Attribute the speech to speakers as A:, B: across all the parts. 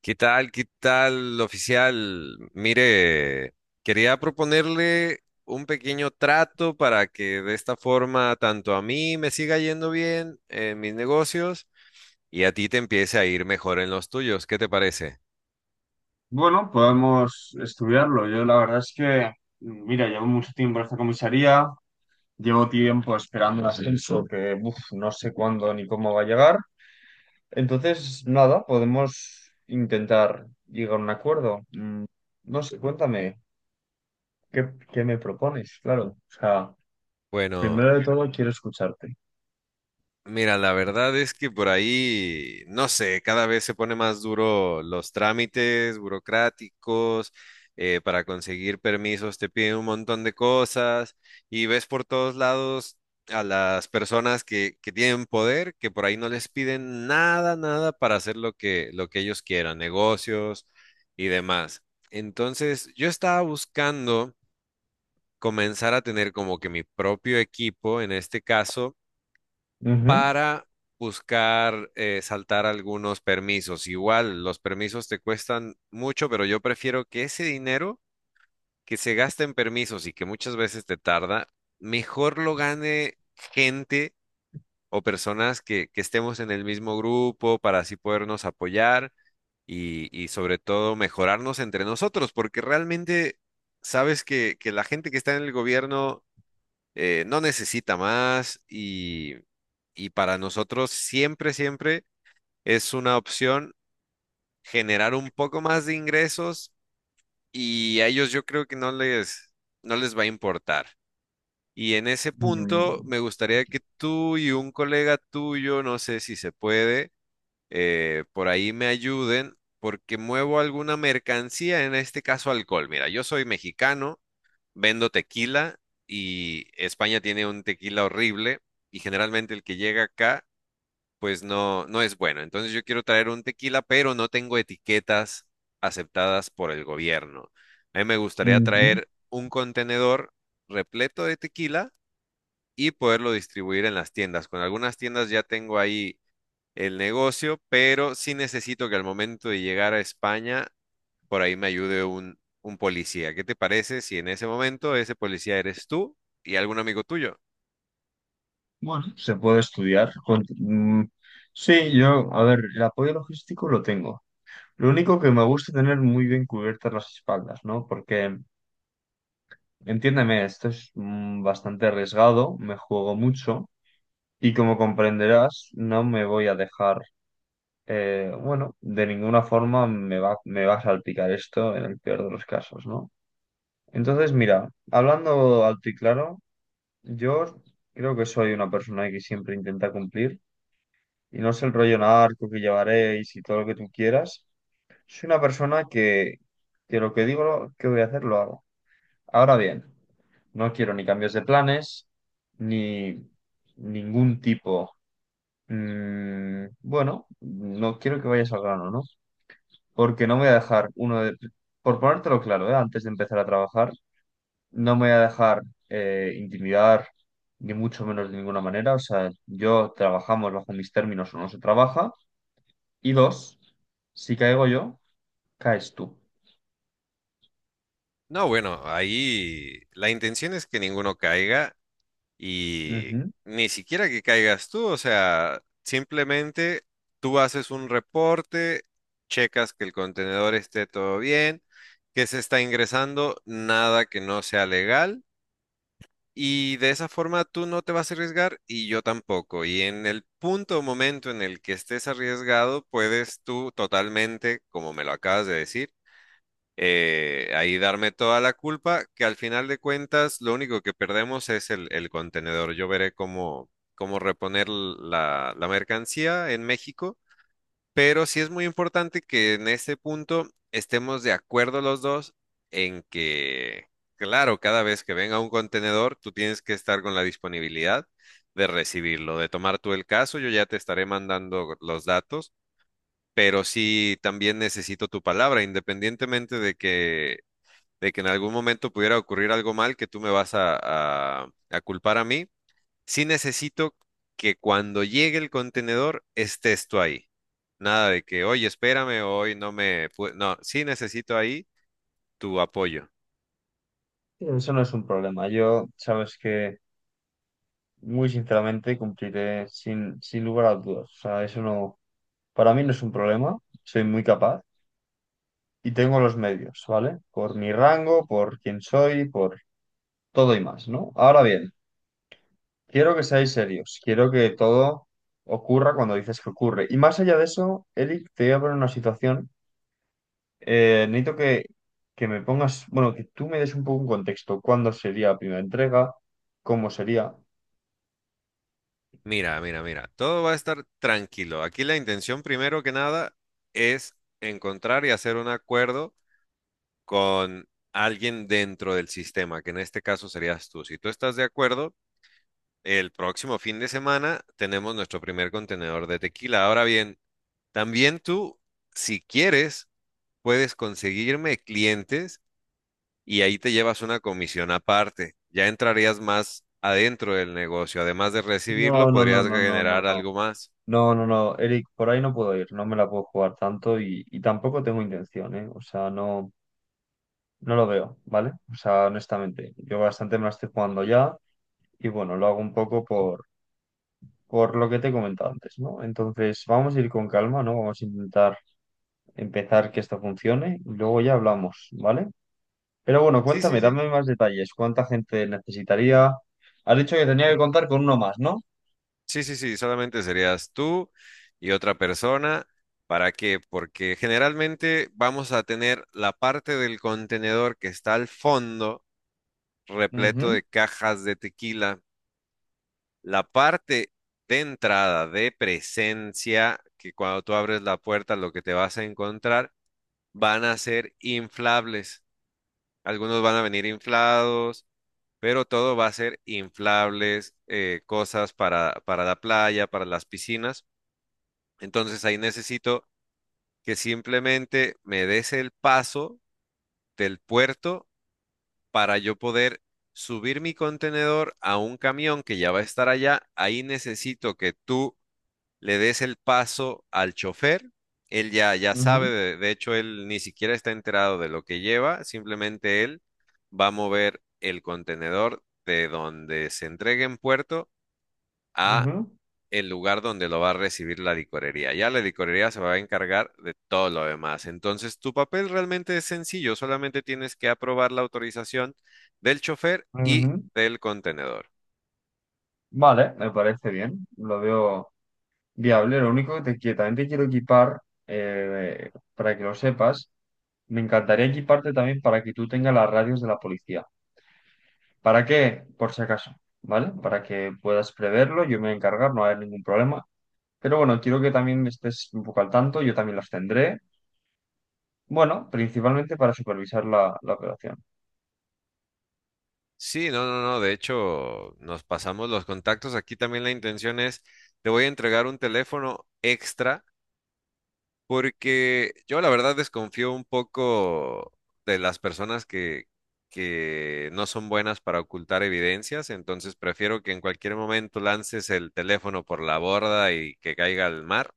A: ¿Qué tal? ¿Qué tal, oficial? Mire, quería proponerle un pequeño trato para que de esta forma tanto a mí me siga yendo bien en mis negocios y a ti te empiece a ir mejor en los tuyos. ¿Qué te parece?
B: Bueno, podemos estudiarlo. Yo la verdad es que, mira, llevo mucho tiempo en esta comisaría, llevo tiempo esperando un ascenso que uf, no sé cuándo ni cómo va a llegar. Entonces, nada, podemos intentar llegar a un acuerdo. No sé, cuéntame, ¿qué me propones? Claro, o sea,
A: Bueno,
B: primero de todo quiero escucharte.
A: mira, la verdad es que por ahí, no sé, cada vez se pone más duro los trámites burocráticos, para conseguir permisos te piden un montón de cosas y ves por todos lados a las personas que tienen poder, que por ahí no les piden nada, nada para hacer lo lo que ellos quieran, negocios y demás. Entonces, yo estaba buscando comenzar a tener como que mi propio equipo, en este caso
B: Ujú.
A: para buscar saltar algunos permisos. Igual, los permisos te cuestan mucho, pero yo prefiero que ese dinero que se gasta en permisos y que muchas veces te tarda, mejor lo gane gente o personas que estemos en el mismo grupo para así podernos apoyar y sobre todo mejorarnos entre nosotros, porque realmente sabes que la gente que está en el gobierno no necesita más y para nosotros siempre, siempre es una opción generar un poco más de ingresos y a ellos yo creo que no les va a importar. Y en ese punto
B: Mm,
A: me gustaría que tú y un colega tuyo, no sé si se puede, por ahí me ayuden porque muevo alguna mercancía, en este caso alcohol. Mira, yo soy mexicano, vendo tequila y España tiene un tequila horrible y generalmente el que llega acá pues no, no es bueno. Entonces yo quiero traer un tequila, pero no tengo etiquetas aceptadas por el gobierno. A mí me gustaría
B: ujú.
A: traer un contenedor repleto de tequila y poderlo distribuir en las tiendas. Con algunas tiendas ya tengo ahí el negocio, pero sí necesito que al momento de llegar a España por ahí me ayude un policía. ¿Qué te parece si en ese momento ese policía eres tú y algún amigo tuyo?
B: Bueno, se puede estudiar. Sí, yo, a ver, el apoyo logístico lo tengo. Lo único que me gusta es tener muy bien cubiertas las espaldas, ¿no? Porque, entiéndeme, esto es bastante arriesgado, me juego mucho y como comprenderás, no me voy a dejar, bueno, de ninguna forma me va a salpicar esto en el peor de los casos, ¿no? Entonces, mira, hablando alto y claro, yo creo que soy una persona que siempre intenta cumplir y no es el rollo narco que llevaréis y todo lo que tú quieras. Soy una persona que lo que digo que voy a hacer lo hago. Ahora bien, no quiero ni cambios de planes, ni ningún tipo. Bueno, no quiero que vayas al grano, ¿no? Porque no me voy a dejar uno de... Por ponértelo claro, ¿eh? Antes de empezar a trabajar, no me voy a dejar intimidar, ni mucho menos de ninguna manera. O sea, yo trabajamos bajo mis términos o no se trabaja. Y dos, si caigo yo, caes tú.
A: No, bueno, ahí la intención es que ninguno caiga y
B: Ujú.
A: ni siquiera que caigas tú, o sea, simplemente tú haces un reporte, checas que el contenedor esté todo bien, que se está ingresando, nada que no sea legal. Y de esa forma tú no te vas a arriesgar y yo tampoco. Y en el punto o momento en el que estés arriesgado, puedes tú totalmente, como me lo acabas de decir, ahí darme toda la culpa, que al final de cuentas lo único que perdemos es el contenedor. Yo veré cómo, cómo reponer la mercancía en México, pero sí es muy importante que en este punto estemos de acuerdo los dos en que, claro, cada vez que venga un contenedor, tú tienes que estar con la disponibilidad de recibirlo, de tomar tú el caso, yo ya te estaré mandando los datos, pero sí también necesito tu palabra, independientemente de de que en algún momento pudiera ocurrir algo mal que tú me vas a culpar a mí, sí necesito que cuando llegue el contenedor estés tú ahí. Nada de que, oye, espérame, hoy no me... No, sí necesito ahí tu apoyo.
B: Eso no es un problema. Yo, sabes que muy sinceramente cumpliré sin lugar a dudas. O sea, eso no, para mí no es un problema, soy muy capaz y tengo los medios, ¿vale? Por mi rango, por quién soy, por todo y más, ¿no? Ahora bien, quiero que seáis serios, quiero que todo ocurra cuando dices que ocurre. Y más allá de eso, Eric, te voy a poner una situación. Necesito que me pongas, bueno, que tú me des un poco un contexto. ¿Cuándo sería la primera entrega? ¿Cómo sería?
A: Mira, mira, mira, todo va a estar tranquilo. Aquí la intención, primero que nada, es encontrar y hacer un acuerdo con alguien dentro del sistema, que en este caso serías tú. Si tú estás de acuerdo, el próximo fin de semana tenemos nuestro primer contenedor de tequila. Ahora bien, también tú, si quieres, puedes conseguirme clientes y ahí te llevas una comisión aparte. Ya entrarías más adentro del negocio. Además de
B: No,
A: recibirlo,
B: no, no,
A: podrías
B: no, no, no,
A: generar
B: no.
A: algo más.
B: No, no, no, Eric, por ahí no puedo ir, no me la puedo jugar tanto y tampoco tengo intención, ¿eh? O sea, no, no lo veo, ¿vale? O sea, honestamente, yo bastante me la estoy jugando ya y bueno, lo hago un poco por lo que te he comentado antes, ¿no? Entonces, vamos a ir con calma, ¿no? Vamos a intentar empezar que esto funcione y luego ya hablamos, ¿vale? Pero bueno,
A: Sí, sí,
B: cuéntame,
A: sí.
B: dame más detalles, ¿cuánta gente necesitaría? Has dicho que tenía que contar con uno más, ¿no?
A: Sí, sí, sí. Solamente serías tú y otra persona. ¿Para qué? Porque generalmente vamos a tener la parte del contenedor que está al fondo, repleto
B: Ujú,
A: de cajas de tequila. La parte de entrada, de presencia, que cuando tú abres la puerta lo que te vas a encontrar van a ser inflables. Algunos van a venir inflados, pero todo va a ser inflables, cosas para la playa, para las piscinas. Entonces ahí necesito que simplemente me des el paso del puerto para yo poder subir mi contenedor a un camión que ya va a estar allá. Ahí necesito que tú le des el paso al chofer. Él ya, ya sabe,
B: ujú,
A: de hecho, él ni siquiera está enterado de lo que lleva, simplemente él va a mover el contenedor de donde se entregue en puerto a
B: ujú,
A: el lugar donde lo va a recibir la licorería. Ya la licorería se va a encargar de todo lo demás. Entonces, tu papel realmente es sencillo, solamente tienes que aprobar la autorización del chofer y
B: ujú.
A: del contenedor.
B: Vale, me parece bien, lo veo viable. Lo único que te quiero, también te quiero equipar, eh, para que lo sepas, me encantaría equiparte también para que tú tengas las radios de la policía. ¿Para qué? Por si acaso, ¿vale? Para que puedas preverlo, yo me voy a encargar, no va a haber ningún problema. Pero bueno, quiero que también estés un poco al tanto, yo también las tendré. Bueno, principalmente para supervisar la, la operación.
A: Sí, no, no, no. De hecho, nos pasamos los contactos. Aquí también la intención es, te voy a entregar un teléfono extra porque yo la verdad desconfío un poco de las personas que no son buenas para ocultar evidencias. Entonces prefiero que en cualquier momento lances el teléfono por la borda y que caiga al mar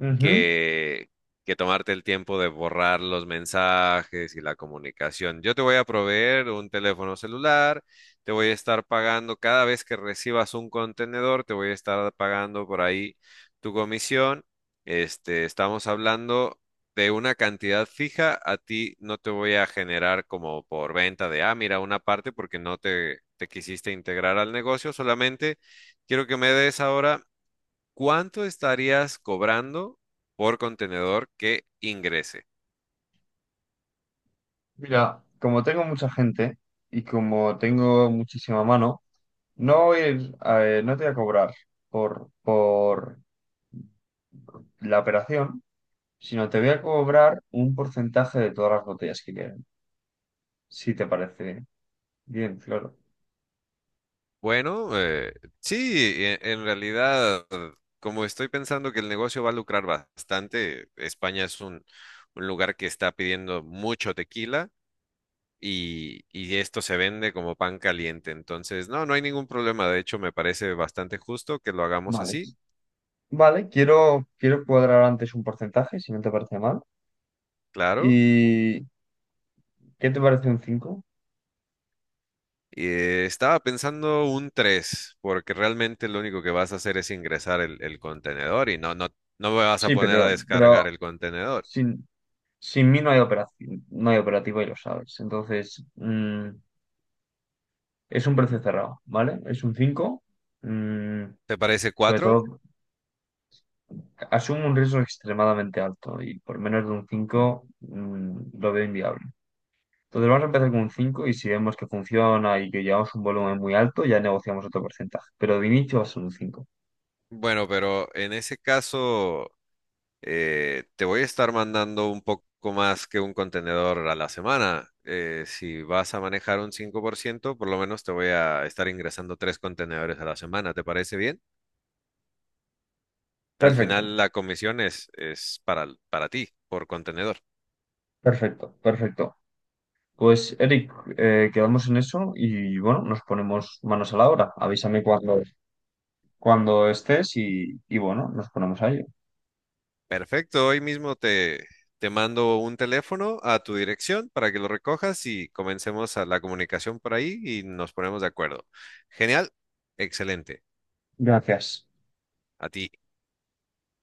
B: Ujú.
A: que, que tomarte el tiempo de borrar los mensajes y la comunicación. Yo te voy a proveer un teléfono celular, te voy a estar pagando cada vez que recibas un contenedor, te voy a estar pagando por ahí tu comisión. Este, estamos hablando de una cantidad fija, a ti no te voy a generar como por venta de, ah, mira, una parte porque no te, te quisiste integrar al negocio, solamente quiero que me des ahora. ¿Cuánto estarías cobrando por contenedor que ingrese?
B: Mira, como tengo mucha gente y como tengo muchísima mano, no, voy a ir, no te voy a cobrar por la operación, sino te voy a cobrar un porcentaje de todas las botellas que queden, si te parece bien, claro.
A: Bueno, sí, en realidad, como estoy pensando que el negocio va a lucrar bastante, España es un lugar que está pidiendo mucho tequila y esto se vende como pan caliente. Entonces, no, no hay ningún problema. De hecho, me parece bastante justo que lo hagamos
B: Vale.
A: así,
B: Vale, quiero cuadrar antes un porcentaje, si no te parece mal.
A: claro.
B: ¿Y qué te parece un cinco?
A: Y, estaba pensando un 3 porque realmente lo único que vas a hacer es ingresar el contenedor y no, no, no me vas a
B: Sí,
A: poner a
B: pero
A: descargar el contenedor.
B: sin, sin mí no hay operación, no hay operativo y lo sabes. Entonces, es un precio cerrado, ¿vale? Es un 5 mm,
A: ¿Te parece
B: sobre
A: cuatro?
B: todo. Asumo un riesgo extremadamente alto y por menos de un 5 lo veo inviable. Entonces vamos a empezar con un 5 y si vemos que funciona y que llevamos un volumen muy alto, ya negociamos otro porcentaje. Pero de inicio va a ser un cinco.
A: Bueno, pero en ese caso te voy a estar mandando un poco más que un contenedor a la semana. Si vas a manejar un 5%, por lo menos te voy a estar ingresando tres contenedores a la semana. ¿Te parece bien? Al
B: Perfecto,
A: final la comisión es para ti por contenedor.
B: perfecto, perfecto. Pues Eric, quedamos en eso y bueno, nos ponemos manos a la obra. Avísame cuando, cuando estés y bueno, nos ponemos a ello.
A: Perfecto, hoy mismo te, te mando un teléfono a tu dirección para que lo recojas y comencemos a la comunicación por ahí y nos ponemos de acuerdo. Genial, excelente,
B: Gracias.
A: a ti.